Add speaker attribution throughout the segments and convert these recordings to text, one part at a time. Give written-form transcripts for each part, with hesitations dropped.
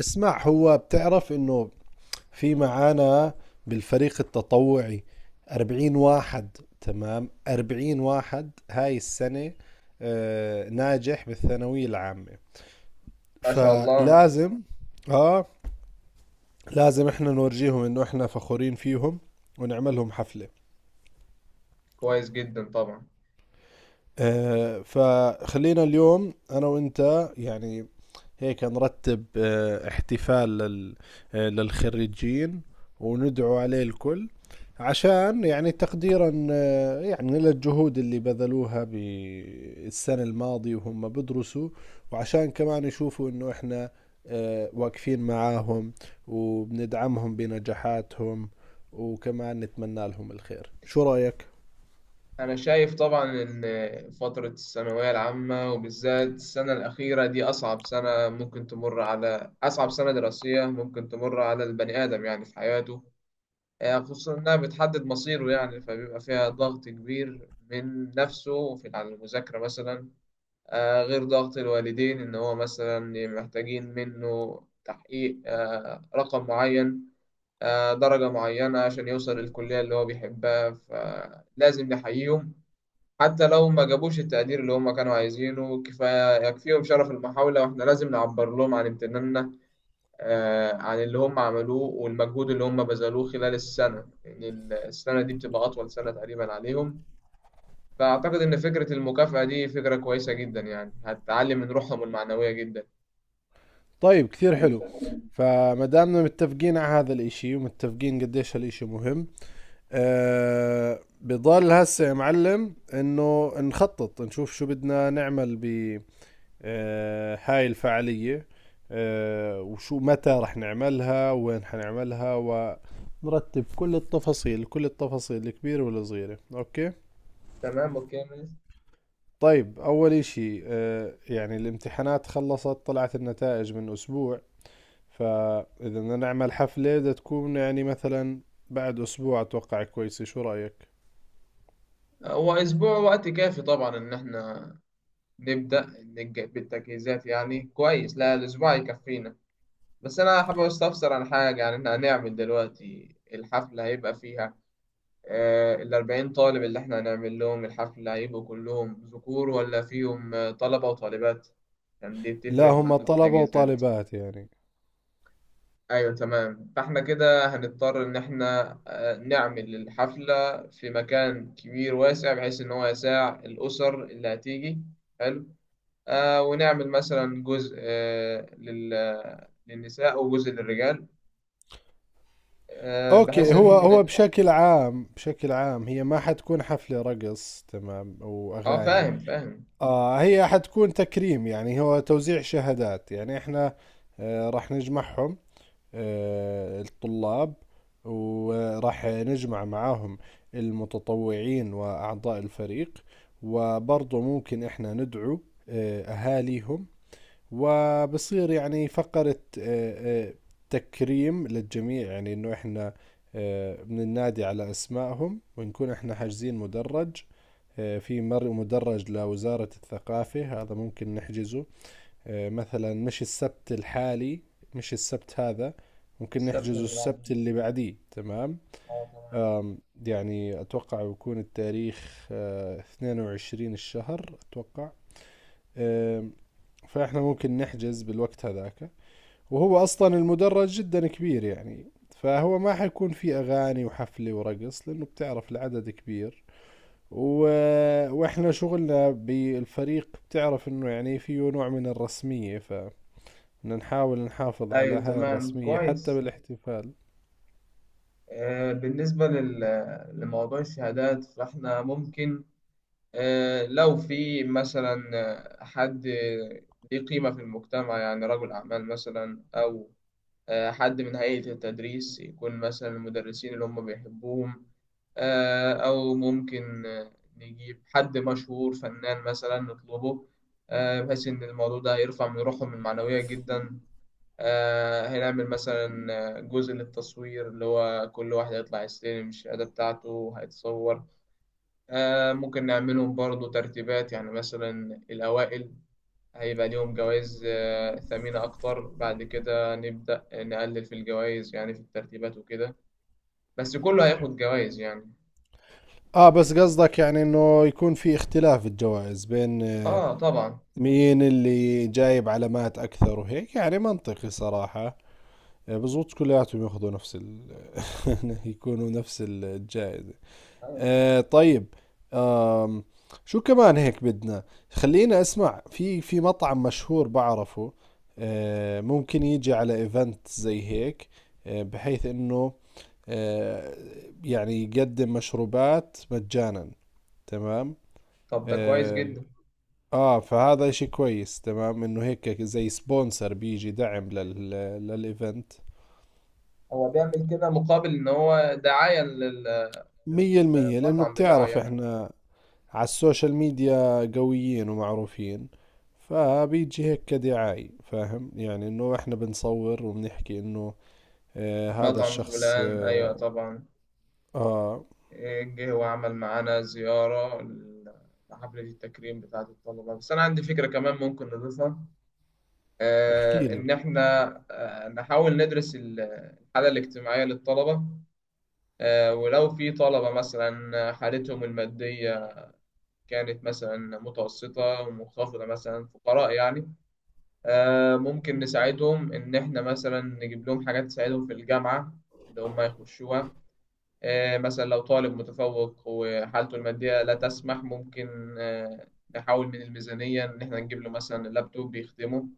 Speaker 1: اسمع، هو بتعرف انه في معانا بالفريق التطوعي 40 واحد؟ تمام، 40 واحد هاي السنة ناجح بالثانوية العامة.
Speaker 2: ما شاء الله.
Speaker 1: فلازم، اه لازم احنا نورجيهم انه احنا فخورين فيهم، ونعملهم حفلة.
Speaker 2: كويس جدا طبعا.
Speaker 1: فخلينا اليوم انا وانت يعني هيك نرتب احتفال للخريجين، وندعو عليه الكل عشان يعني تقديرا يعني للجهود اللي بذلوها بالسنة الماضية وهم بدرسوا، وعشان كمان يشوفوا انه احنا واقفين معاهم، وبندعمهم بنجاحاتهم، وكمان نتمنى لهم الخير. شو رأيك؟
Speaker 2: أنا شايف طبعا إن فترة الثانوية العامة وبالذات السنة الأخيرة دي أصعب سنة ممكن تمر على، أصعب سنة دراسية ممكن تمر على البني آدم يعني في حياته. خصوصا إنها بتحدد مصيره، يعني فبيبقى فيها ضغط كبير من نفسه في على المذاكرة مثلا. غير ضغط الوالدين إن هو مثلا محتاجين منه تحقيق رقم معين، درجة معينة عشان يوصل للكلية اللي هو بيحبها، فلازم نحييهم حتى لو ما جابوش التقدير اللي هم كانوا عايزينه. كفاية يكفيهم شرف المحاولة، واحنا لازم نعبر لهم عن امتناننا، عن اللي هم عملوه والمجهود اللي هم بذلوه خلال السنة يعني. السنة دي بتبقى أطول سنة تقريبا عليهم، فأعتقد إن فكرة المكافأة دي فكرة كويسة جدا يعني، هتعلي من روحهم المعنوية جدا.
Speaker 1: طيب، كثير حلو. فما دامنا متفقين على هذا الاشي، ومتفقين قديش هالاشي مهم، بضل هسه يا معلم انه نخطط، نشوف شو بدنا نعمل ب هاي الفعالية، وشو متى رح نعملها، وين حنعملها، ونرتب كل التفاصيل، كل التفاصيل الكبيرة والصغيرة. اوكي،
Speaker 2: تمام، اوكي يا ميس.
Speaker 1: طيب، اول اشي يعني الامتحانات خلصت، طلعت النتائج من اسبوع، فاذا بدنا نعمل حفلة بدها تكون يعني مثلا بعد اسبوع، اتوقع كويسة. شو رأيك؟
Speaker 2: هو اسبوع وقت كافي طبعا ان احنا نبدأ بالتجهيزات، يعني كويس، لا الأسبوع يكفينا. بس أنا حابب أستفسر عن حاجة، يعني إحنا هنعمل دلوقتي الحفلة هيبقى فيها 40 طالب اللي إحنا هنعمل لهم الحفلة، هيبقوا كلهم ذكور ولا فيهم طلبة وطالبات؟ يعني دي
Speaker 1: لا،
Speaker 2: بتفرق
Speaker 1: هم
Speaker 2: معانا في
Speaker 1: طلبة
Speaker 2: التجهيزات.
Speaker 1: وطالبات يعني.
Speaker 2: أيوة تمام، فإحنا كده هنضطر إن إحنا نعمل الحفلة في مكان كبير واسع بحيث إن هو يساع الأسر اللي هتيجي. حلو. ونعمل مثلا جزء، للنساء وجزء للرجال، بحيث
Speaker 1: اوكي، هو
Speaker 2: ان.
Speaker 1: هو بشكل عام، بشكل عام هي ما حتكون حفلة رقص، تمام،
Speaker 2: اه
Speaker 1: واغاني.
Speaker 2: فاهم فاهم.
Speaker 1: آه، هي حتكون تكريم، يعني هو توزيع شهادات. يعني احنا آه راح نجمعهم، آه الطلاب، وراح نجمع معاهم المتطوعين واعضاء الفريق، وبرضه ممكن احنا ندعو آه اهاليهم. وبصير يعني فقرة تكريم للجميع، يعني انه احنا بننادي على اسمائهم، ونكون احنا حاجزين مدرج. في مدرج لوزارة الثقافة، هذا ممكن نحجزه مثلا مش السبت الحالي، مش السبت هذا، ممكن
Speaker 2: السبت
Speaker 1: نحجزه
Speaker 2: اللي
Speaker 1: السبت
Speaker 2: بعده،
Speaker 1: اللي بعديه. تمام.
Speaker 2: اه تمام.
Speaker 1: آم، يعني أتوقع بيكون التاريخ 22 الشهر أتوقع. آم، فإحنا ممكن نحجز بالوقت هذاك. وهو أصلا المدرج جدا كبير، يعني فهو ما حيكون في أغاني وحفلة ورقص، لأنه بتعرف العدد كبير. و... وإحنا شغلنا بالفريق بتعرف إنه يعني فيه نوع من الرسمية، فبدنا نحاول نحافظ على
Speaker 2: ايوه
Speaker 1: هاي
Speaker 2: تمام
Speaker 1: الرسمية حتى
Speaker 2: كويس.
Speaker 1: بالاحتفال.
Speaker 2: بالنسبة لموضوع الشهادات فاحنا ممكن لو في مثلا حد ليه قيمة في المجتمع، يعني رجل أعمال مثلا، أو حد من هيئة التدريس، يكون مثلا المدرسين اللي هم بيحبوهم، أو ممكن نجيب حد مشهور فنان مثلا نطلبه، بحيث إن الموضوع ده هيرفع من روحهم المعنوية جدا. هنعمل مثلا جزء للتصوير اللي هو كل واحد هيطلع يستلم الشهادة بتاعته هيتصور. ممكن نعملهم برضو ترتيبات، يعني مثلا الأوائل هيبقى ليهم جوائز ثمينة أكتر، بعد كده نبدأ نقلل في الجوائز يعني في الترتيبات وكده، بس كله هياخد جوائز يعني.
Speaker 1: آه، بس قصدك يعني إنه يكون في اختلاف الجوائز بين
Speaker 2: آه طبعا.
Speaker 1: مين اللي جايب علامات أكثر وهيك؟ يعني منطقي صراحة. بزبط كلياتهم ياخذوا نفس ال يكونوا نفس الجائزة. آه، طيب. آم شو كمان هيك بدنا؟ خلينا، اسمع، في مطعم مشهور بعرفه، آه ممكن يجي على ايفنت زي هيك، آه بحيث انه آه يعني يقدم مشروبات مجانا. تمام.
Speaker 2: طب ده كويس
Speaker 1: اه,
Speaker 2: جدا.
Speaker 1: آه فهذا اشي كويس، تمام، انه هيك زي سبونسر بيجي دعم لل للايفنت.
Speaker 2: هو بيعمل كده مقابل ان هو دعاية
Speaker 1: مية المية، لأنه
Speaker 2: للمطعم بتاعه
Speaker 1: بتعرف
Speaker 2: يعني.
Speaker 1: احنا على السوشيال ميديا قويين ومعروفين، فبيجي هيك كدعاية. فاهم؟ يعني انه احنا بنصور وبنحكي انه اه هذا
Speaker 2: مطعم
Speaker 1: الشخص
Speaker 2: فلان، ايوه طبعا.
Speaker 1: اه.
Speaker 2: إيه، جه وعمل معانا زيارة لحفلة التكريم بتاعة الطلبة. بس انا عندي فكرة كمان ممكن نضيفها،
Speaker 1: احكي لي.
Speaker 2: ان احنا نحاول ندرس الحالة الاجتماعية للطلبة، ولو في طلبة مثلا حالتهم المادية كانت مثلا متوسطة ومنخفضة، مثلا فقراء يعني، ممكن نساعدهم إن إحنا مثلا نجيب لهم حاجات تساعدهم في الجامعة اللي هم يخشوها. مثلا لو طالب متفوق وحالته المادية لا تسمح، ممكن نحاول من الميزانية إن إحنا نجيب له مثلا لابتوب بيخدمه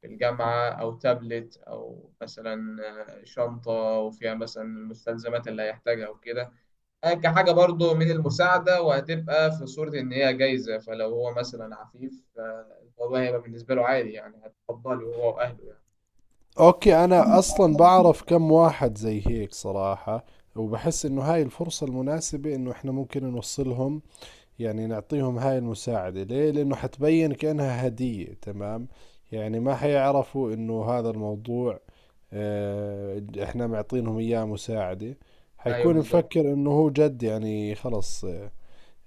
Speaker 2: في الجامعة، أو تابلت، أو مثلا شنطة وفيها مثلا المستلزمات اللي هيحتاجها وكده، كحاجة برضو من المساعدة، وهتبقى في صورة إن هي جايزة، فلو هو مثلا عفيف فالموضوع هيبقى بالنسبة له عادي يعني، هتقبله هو وأهله
Speaker 1: اوكي، انا اصلا بعرف كم واحد زي هيك صراحة، وبحس انه هاي الفرصة المناسبة انه احنا ممكن نوصلهم، يعني نعطيهم هاي المساعدة. ليه؟ لأنه حتبين كأنها هدية. تمام، يعني ما حيعرفوا إنه هذا الموضوع إحنا معطينهم إياه مساعدة،
Speaker 2: يعني. أيوه
Speaker 1: حيكون
Speaker 2: بالظبط.
Speaker 1: مفكر إنه هو جد يعني خلص آه،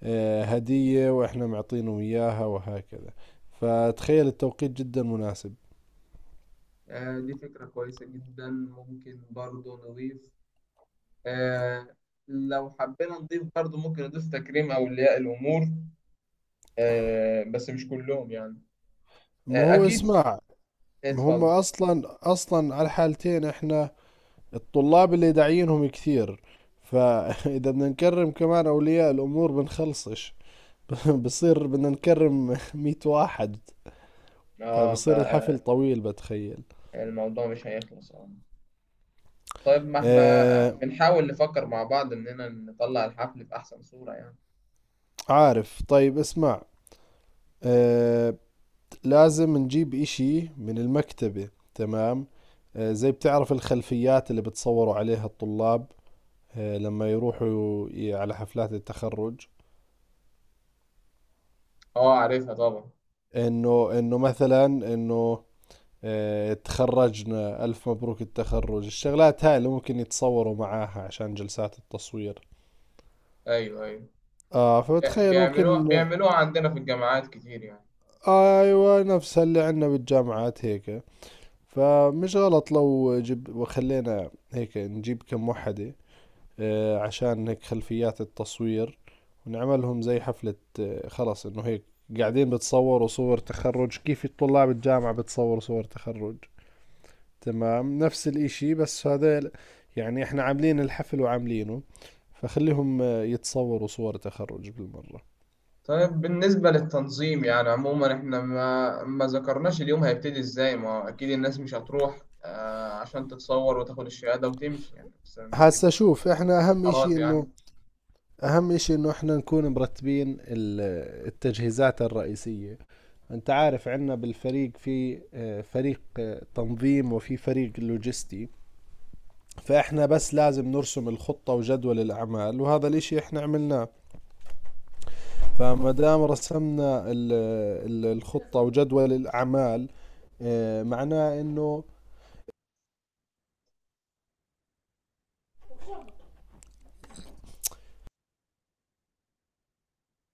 Speaker 1: آه، هدية وإحنا معطينهم إياها، وهكذا. فتخيل التوقيت جدا مناسب.
Speaker 2: دي فكرة كويسة جدا، ممكن برضو نضيف آه، لو حبينا نضيف برضو ممكن نضيف تكريم أولياء الأمور، بس مش كلهم يعني.
Speaker 1: ما هو
Speaker 2: أكيد
Speaker 1: اسمع، ما هم
Speaker 2: اتفضل.
Speaker 1: أصلا، أصلا على الحالتين إحنا الطلاب اللي داعيينهم كثير، فإذا بدنا نكرم كمان أولياء الأمور بنخلصش. بصير بدنا نكرم مية واحد، فبصير
Speaker 2: اه،
Speaker 1: الحفل طويل بتخيل.
Speaker 2: فالموضوع مش هيخلص اه. طيب ما احنا
Speaker 1: آه،
Speaker 2: بنحاول نفكر مع بعض إننا نطلع الحفل بأحسن صورة يعني.
Speaker 1: عارف، طيب اسمع، آه لازم نجيب إشي من المكتبة. تمام، آه زي بتعرف الخلفيات اللي بتصوروا عليها الطلاب آه لما يروحوا على حفلات التخرج.
Speaker 2: اه عارفها طبعا.
Speaker 1: إنه مثلا إنه تخرجنا، ألف مبروك التخرج، الشغلات هاي اللي ممكن يتصوروا معاها عشان جلسات التصوير.
Speaker 2: أيوه أيوه.
Speaker 1: آه، فبتخيل
Speaker 2: بيعملوها
Speaker 1: ممكن.
Speaker 2: بيعملوها عندنا في الجامعات كتير يعني.
Speaker 1: أيوة نفسها اللي عندنا بالجامعات هيك، فمش غلط لو جب وخلينا هيك نجيب كم وحدة آه عشان هيك خلفيات التصوير، ونعملهم زي حفلة آه خلص، إنه هيك قاعدين بتصوروا صور تخرج، كيف الطلاب الجامعة بتصوروا صور تخرج، تمام نفس الاشي، بس هذا يعني احنا عاملين الحفل وعاملينه، فخليهم يتصوروا صور تخرج بالمرة.
Speaker 2: طيب بالنسبة للتنظيم يعني عموما احنا ما ذكرناش اليوم هيبتدي ازاي. ما هو أكيد الناس مش هتروح عشان تتصور وتاخد الشهادة وتمشي يعني، بس هيبقى
Speaker 1: هسا شوف، احنا اهم
Speaker 2: قرارات
Speaker 1: اشي انه
Speaker 2: يعني.
Speaker 1: اهم اشي انه احنا نكون مرتبين التجهيزات الرئيسية. انت عارف عندنا بالفريق في فريق تنظيم، وفي فريق لوجستي. فاحنا بس لازم نرسم الخطة وجدول الاعمال، وهذا الاشي احنا عملناه. فما دام رسمنا الخطة وجدول الأعمال، معناه إنه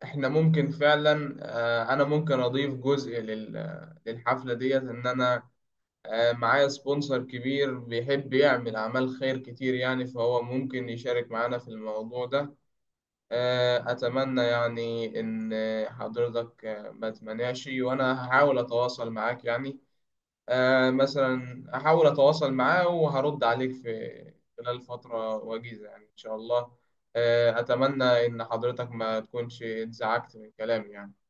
Speaker 2: احنا ممكن فعلا انا ممكن اضيف جزء للحفله ديت ان انا معايا سبونسر كبير بيحب يعمل أعمال خير كتير يعني، فهو ممكن يشارك معانا في الموضوع ده. أتمنى يعني إن حضرتك ما تمنعش، وأنا هحاول أتواصل معاك يعني، مثلا أحاول أتواصل معاه وهرد عليك في خلال فترة وجيزة يعني إن شاء الله. أتمنى إن حضرتك ما تكونش اتزعجت من كلامي يعني.